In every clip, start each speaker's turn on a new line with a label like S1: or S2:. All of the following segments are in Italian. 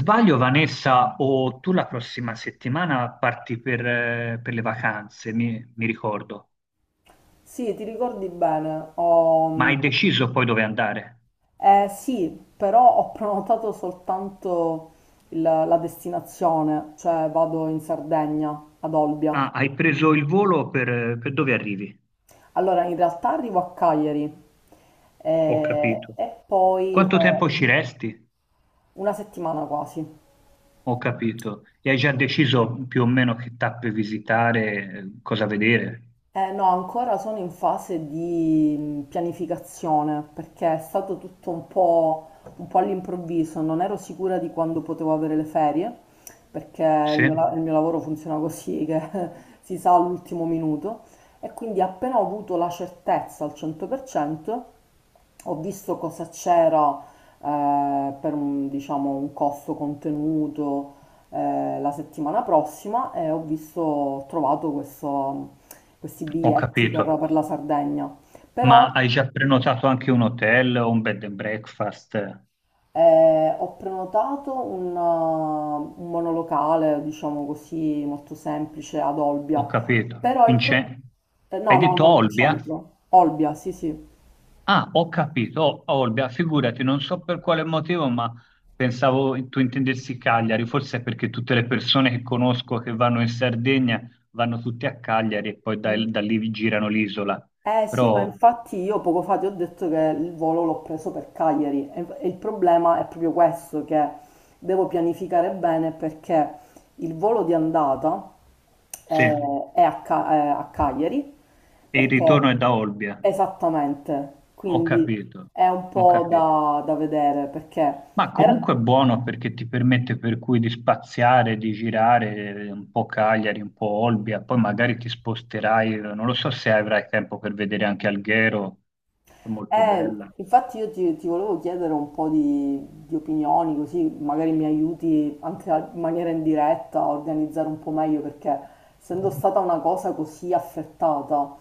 S1: Sbaglio, Vanessa, o tu la prossima settimana parti per le vacanze, mi ricordo,
S2: Sì, ti ricordi bene.
S1: ma
S2: Ho-
S1: hai deciso poi dove andare?
S2: eh, sì, però ho prenotato soltanto la destinazione, cioè vado in Sardegna, ad Olbia.
S1: Ah, hai preso il volo per dove arrivi?
S2: Allora, in realtà arrivo a Cagliari
S1: Ho capito.
S2: e poi
S1: Quanto tempo ci resti?
S2: una settimana quasi.
S1: Ho capito. E hai già deciso più o meno che tappe visitare, cosa vedere?
S2: No, ancora sono in fase di pianificazione perché è stato tutto un po' all'improvviso, non ero sicura di quando potevo avere le ferie perché il
S1: Sì?
S2: mio, il mio lavoro funziona così che si sa all'ultimo minuto e quindi appena ho avuto la certezza al 100% ho visto cosa c'era per un, diciamo, un costo contenuto, la settimana prossima e ho visto, ho trovato questi
S1: Ho
S2: biglietti per,
S1: capito.
S2: la Sardegna. Però
S1: Ma hai già prenotato anche un hotel o un bed and breakfast?
S2: ho prenotato un monolocale, diciamo così, molto semplice ad
S1: Ho
S2: Olbia.
S1: capito.
S2: Però il
S1: In
S2: problema.
S1: ce- Hai
S2: No, no,
S1: detto
S2: non il
S1: Olbia?
S2: centro. Olbia, sì, sì.
S1: Ah, ho capito. O- Olbia, figurati, non so per quale motivo, ma pensavo tu intendessi Cagliari. Forse è perché tutte le persone che conosco che vanno in Sardegna vanno tutte a Cagliari e poi da, da lì vi girano l'isola.
S2: Eh sì, ma
S1: Però
S2: infatti io poco fa ti ho detto che il volo l'ho preso per Cagliari e il problema è proprio questo, che devo pianificare bene perché il volo di andata
S1: sì, e
S2: è a Cagliari,
S1: il
S2: perché
S1: ritorno è da Olbia.
S2: esattamente,
S1: Ho
S2: quindi
S1: capito,
S2: è un
S1: ho
S2: po'
S1: capito.
S2: da vedere perché
S1: Ma
S2: era.
S1: comunque è buono perché ti permette per cui di spaziare, di girare un po' Cagliari, un po' Olbia, poi magari ti sposterai, non lo so se avrai tempo per vedere anche Alghero, che è molto
S2: Eh,
S1: bella.
S2: infatti io ti volevo chiedere un po' di opinioni, così magari mi aiuti anche in maniera indiretta a organizzare un po' meglio, perché essendo stata una cosa così affrettata,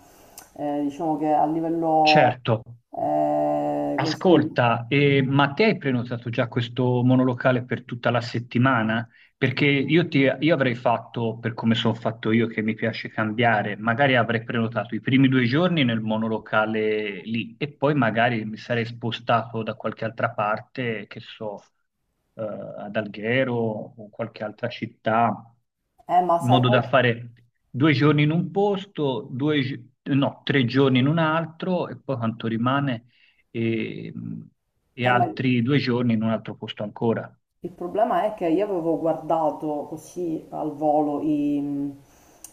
S2: diciamo che a livello
S1: Certo.
S2: così.
S1: Ascolta, ma te hai prenotato già questo monolocale per tutta la settimana? Perché io, ti- io avrei fatto, per come sono fatto io, che mi piace cambiare, magari avrei prenotato i primi due giorni nel monolocale lì e poi magari mi sarei spostato da qualche altra parte, che so, ad Alghero o qualche altra città,
S2: Ma
S1: in
S2: sai
S1: modo
S2: qual
S1: da fare due giorni in un posto, due, gi- no, tre giorni in un altro e poi quanto rimane e, e
S2: è?
S1: altri due giorni in un altro posto ancora,
S2: Il problema è che io avevo guardato così al volo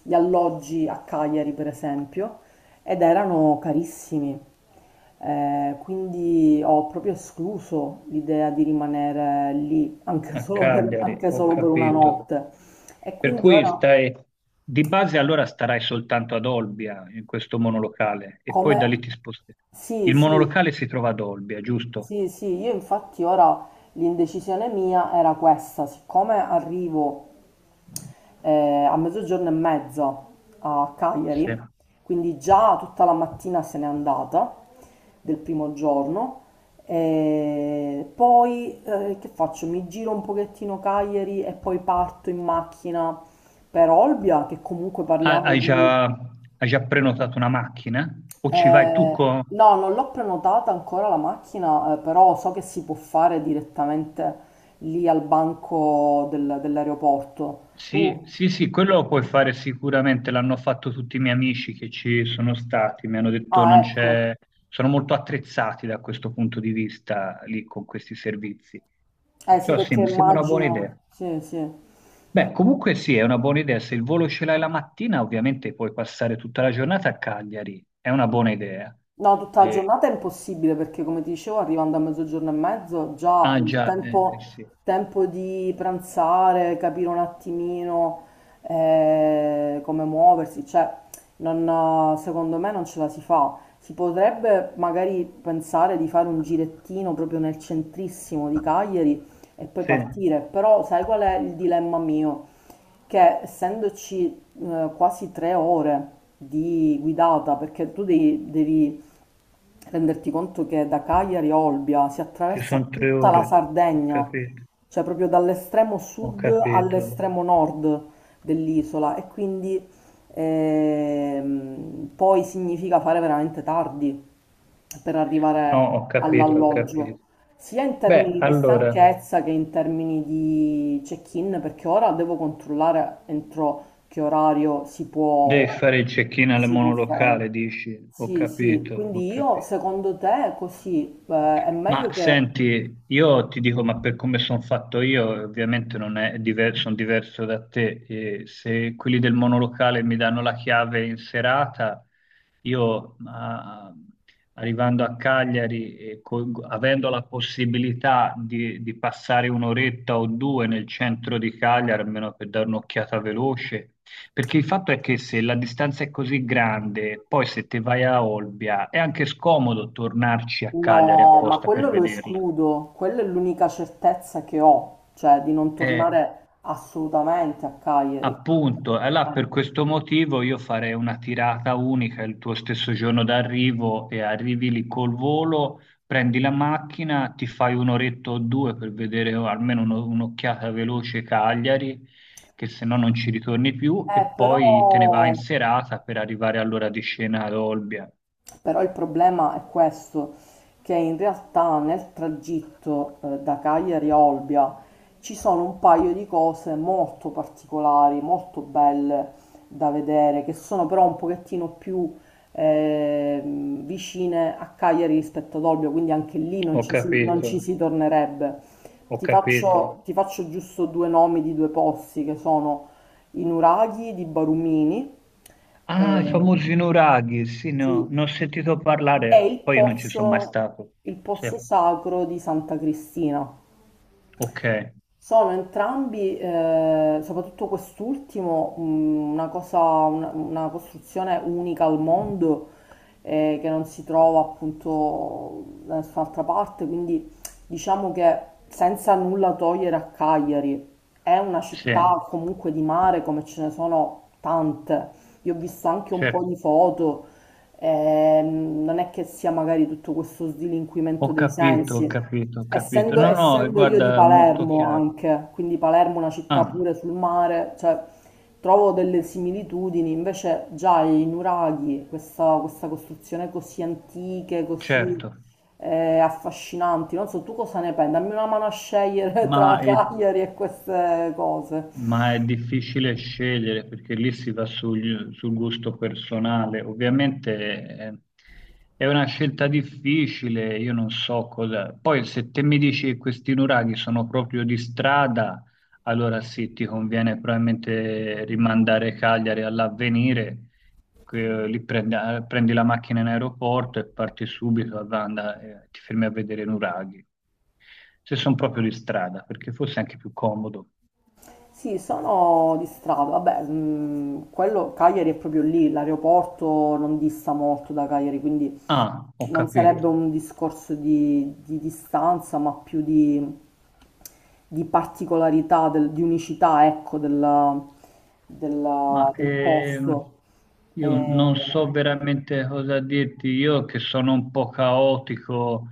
S2: gli alloggi a Cagliari, per esempio, ed erano carissimi. Quindi ho proprio escluso l'idea di rimanere lì anche
S1: a
S2: solo per,
S1: Cagliari,
S2: anche
S1: ho
S2: solo per una
S1: capito.
S2: notte. E
S1: Per
S2: quindi
S1: cui
S2: ora
S1: stai, di base allora starai soltanto ad Olbia, in questo monolocale, e poi
S2: come.
S1: da lì ti sposterai.
S2: Sì,
S1: Il
S2: sì,
S1: monolocale si trova ad Olbia, giusto?
S2: sì, sì, io infatti ora l'indecisione mia era questa, siccome arrivo a mezzogiorno e mezza a
S1: Sì.
S2: Cagliari,
S1: Ha-
S2: quindi già tutta la mattina se n'è andata del primo giorno, e poi che faccio? Mi giro un pochettino Cagliari e poi parto in macchina per Olbia, che comunque parliamo
S1: Hai
S2: di.
S1: già, hai già prenotato una macchina? O ci vai tu con...
S2: No, non l'ho prenotata ancora la macchina, però so che si può fare direttamente lì al banco dell'aeroporto.
S1: Sì,
S2: Tu?
S1: sì, sì, quello lo puoi fare sicuramente, l'hanno fatto tutti i miei amici che ci sono stati, mi hanno detto
S2: Ah,
S1: non
S2: ecco.
S1: c'è, sono molto attrezzati da questo punto di vista lì con questi servizi.
S2: Eh sì,
S1: Perciò sì,
S2: perché
S1: mi sembra una buona
S2: immagino.
S1: idea.
S2: Sì, sì.
S1: Beh, comunque sì, è una buona idea, se il volo ce l'hai la mattina, ovviamente puoi passare tutta la giornata a Cagliari, è una buona idea.
S2: No, tutta la
S1: E-
S2: giornata è impossibile perché, come ti dicevo, arrivando a mezzogiorno e mezzo, già
S1: ah già, sì.
S2: tempo di pranzare, capire un attimino come muoversi, cioè, secondo me non ce la si fa. Si potrebbe magari pensare di fare un girettino proprio nel centrissimo di Cagliari e poi
S1: Sì,
S2: partire, però sai qual è il dilemma mio? Che essendoci quasi 3 ore di guidata, perché tu devi renderti conto che da Cagliari a Olbia si
S1: ci
S2: attraversa
S1: sono tre
S2: tutta la
S1: ore, ho
S2: Sardegna,
S1: capito,
S2: cioè proprio dall'estremo
S1: ho
S2: sud
S1: capito.
S2: all'estremo nord dell'isola e quindi poi significa fare veramente tardi per
S1: No,
S2: arrivare
S1: ho capito, ho
S2: all'alloggio,
S1: capito.
S2: sia in
S1: Beh,
S2: termini di
S1: allora,
S2: stanchezza che in termini di check-in, perché ora devo controllare entro che orario
S1: devi fare il check-in al
S2: si può fare.
S1: monolocale, dici, ho
S2: Sì, sì,
S1: capito, ho
S2: quindi io
S1: capito.
S2: secondo te così è
S1: Ma
S2: meglio che.
S1: senti, io ti dico, ma per come sono fatto io, ovviamente non è diverso, sono diverso da te. E se quelli del monolocale mi danno la chiave in serata, io ma, arrivando a Cagliari, e co- avendo la possibilità di passare un'oretta o due nel centro di Cagliari, almeno per dare un'occhiata veloce. Perché il fatto è che se la distanza è così grande, poi se te vai a Olbia, è anche scomodo tornarci a Cagliari
S2: No, ma
S1: apposta per
S2: quello lo
S1: vederla.
S2: escludo, quella è l'unica certezza che ho, cioè di non
S1: Eh,
S2: tornare assolutamente a Cagliari.
S1: appunto, allora
S2: Eh,
S1: per questo motivo io farei una tirata unica il tuo stesso giorno d'arrivo e arrivi lì col volo, prendi la macchina, ti fai un'oretta o due per vedere almeno uno- un'occhiata veloce Cagliari, che se no non ci ritorni più, e
S2: eh,
S1: poi te ne vai in
S2: però
S1: serata per arrivare all'ora di scena ad Olbia.
S2: Però il problema è questo, che in realtà nel tragitto da Cagliari a Olbia ci sono un paio di cose molto particolari, molto belle da vedere, che sono però un pochettino più eh, vicine a Cagliari rispetto ad Olbia, quindi anche lì
S1: Ho
S2: non
S1: capito,
S2: ci si tornerebbe.
S1: ho capito.
S2: Ti faccio giusto due nomi di due posti che sono i nuraghi di Barumini.
S1: Ah, i
S2: Eh,
S1: famosi nuraghi, sì, no,
S2: sì,
S1: ne ho sentito
S2: è
S1: parlare, poi io non ci sono mai stato.
S2: il
S1: Sì,
S2: pozzo sacro di Santa Cristina.
S1: ok,
S2: Sono entrambi, soprattutto quest'ultimo, una costruzione unica al mondo che non si trova appunto da nessun'altra parte, quindi diciamo che senza nulla togliere a Cagliari, è una
S1: sì,
S2: città comunque di mare come ce ne sono tante. Io ho visto anche un po'
S1: certo.
S2: di foto, non è che sia magari tutto questo slinquimento
S1: Ho
S2: dei
S1: capito, ho
S2: sensi.
S1: capito, ho capito. No, no,
S2: Essendo io di
S1: guarda, è molto
S2: Palermo
S1: chiaro.
S2: anche, quindi Palermo è una città
S1: Ah,
S2: pure sul mare, cioè trovo delle similitudini, invece già i nuraghi, questa costruzione così antiche, così
S1: certo.
S2: affascinanti, non so tu cosa ne pensi, dammi una mano a scegliere
S1: Ma
S2: tra Cagliari e queste cose.
S1: ma è difficile scegliere perché lì si va sul, sul gusto personale. Ovviamente eh, è una scelta difficile, io non so cosa. Poi se te mi dici che questi nuraghi sono proprio di strada, allora sì, ti conviene probabilmente rimandare Cagliari all'avvenire, que- lì prendi, ah, prendi la macchina in aeroporto e parti subito, a Vanda, ti fermi a vedere i nuraghi. Se sono proprio di strada, perché forse è anche più comodo.
S2: Sì, sono di strada, vabbè, quello Cagliari è proprio lì, l'aeroporto non dista molto da Cagliari, quindi
S1: Ah, ho
S2: non sarebbe
S1: capito.
S2: un discorso di distanza, ma più di particolarità, di unicità, ecco,
S1: Ma
S2: del posto.
S1: io non
S2: Eh,
S1: so veramente cosa dirti. Io che sono un po' caotico,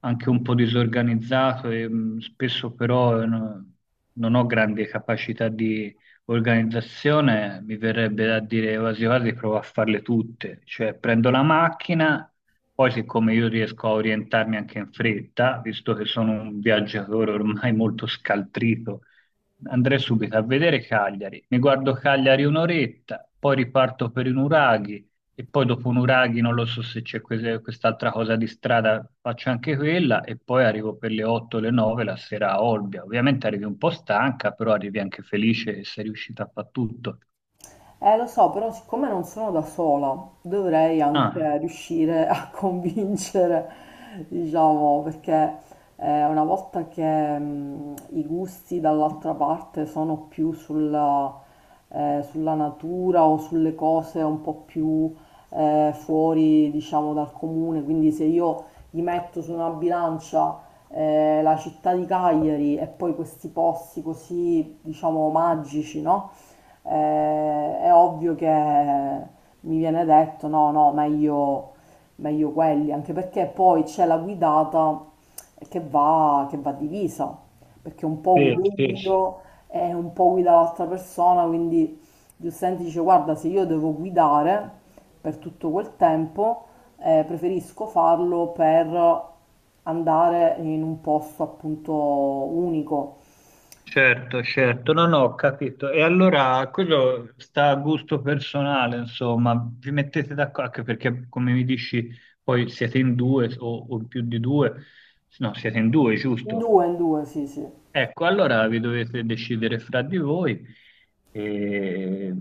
S1: anche un po' disorganizzato e spesso però no- non ho grandi capacità di organizzazione, mi verrebbe da dire quasi quasi provo a farle tutte, cioè prendo la macchina, poi siccome io riesco a orientarmi anche in fretta, visto che sono un viaggiatore ormai molto scaltrito, andrei subito a vedere Cagliari, mi guardo Cagliari un'oretta, poi riparto per i nuraghi e poi dopo un Uraghi, non lo so se c'è quese- quest'altra cosa di strada, faccio anche quella e poi arrivo per le 8 o le 9 la sera a Olbia. Ovviamente arrivi un po' stanca, però arrivi anche felice e sei riuscita a fare tutto.
S2: Lo so, però siccome non sono da sola, dovrei
S1: Ah,
S2: anche riuscire a convincere, diciamo, perché una volta che i gusti dall'altra parte sono più sulla natura o sulle cose un po' più fuori, diciamo, dal comune, quindi se io gli metto su una bilancia la città di Cagliari e poi questi posti così, diciamo, magici, no? È ovvio che mi viene detto no, no, meglio quelli, anche perché poi c'è la guidata che va divisa, perché un po'
S1: sì,
S2: guido
S1: sì, sì.
S2: io e un po' guida l'altra persona, quindi giustamente dice guarda, se io devo guidare per tutto quel tempo, preferisco farlo per andare in un posto appunto unico.
S1: Certo, certo. No, no, ho capito. E allora quello sta a gusto personale, insomma, vi mettete d'accordo, anche perché come mi dici, poi siete in due o in più di due, no, siete in due, giusto?
S2: In due, sì, sì.
S1: Ecco, allora vi dovete decidere fra di voi. E,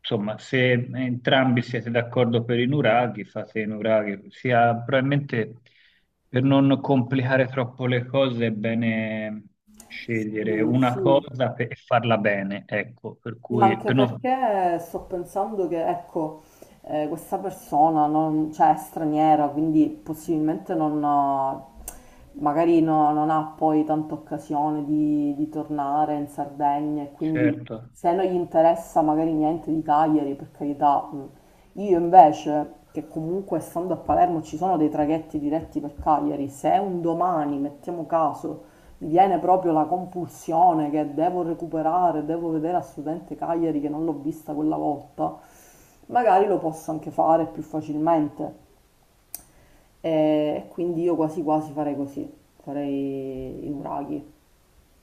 S1: insomma, se entrambi siete d'accordo per i nuraghi, fate i nuraghi. Sia, probabilmente per non complicare troppo le cose è bene scegliere
S2: Sì,
S1: una
S2: sì.
S1: cosa pe- e farla bene, ecco, per
S2: Ma
S1: cui
S2: anche
S1: per non-
S2: perché sto pensando che, ecco, questa persona non, cioè, è straniera, quindi possibilmente non, ha- magari non ha poi tanta occasione di tornare in Sardegna e quindi
S1: certo.
S2: se non gli interessa magari niente di Cagliari, per carità. Mh. Io invece, che comunque stando a Palermo ci sono dei traghetti diretti per Cagliari, se un domani, mettiamo caso, mi viene proprio la compulsione che devo recuperare, devo vedere a studente Cagliari che non l'ho vista quella volta, magari lo posso anche fare più facilmente. E quindi io quasi quasi farei così, farei i nuraghi.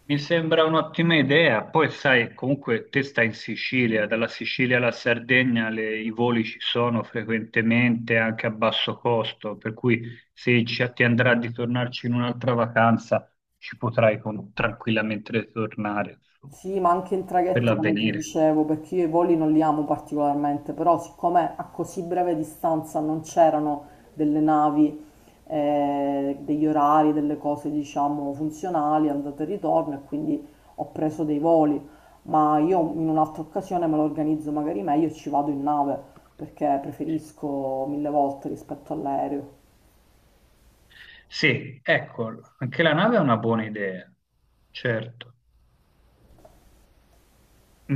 S1: Mi sembra un'ottima idea, poi sai, comunque te stai in Sicilia, dalla Sicilia alla Sardegna le- i voli ci sono frequentemente anche a basso costo, per cui se ci- ti andrà di tornarci in un'altra vacanza ci potrai con- tranquillamente ritornare insomma,
S2: Sì, ma anche in
S1: per
S2: traghetto, come ti
S1: l'avvenire.
S2: dicevo, perché io i voli non li amo particolarmente, però siccome a così breve distanza non c'erano delle navi, degli orari, delle cose, diciamo, funzionali, andata e ritorno, e quindi ho preso dei voli, ma io in un'altra occasione me lo organizzo magari meglio e ci vado in nave, perché preferisco mille volte rispetto all'aereo.
S1: Sì, ecco, anche la nave è una buona idea, certo.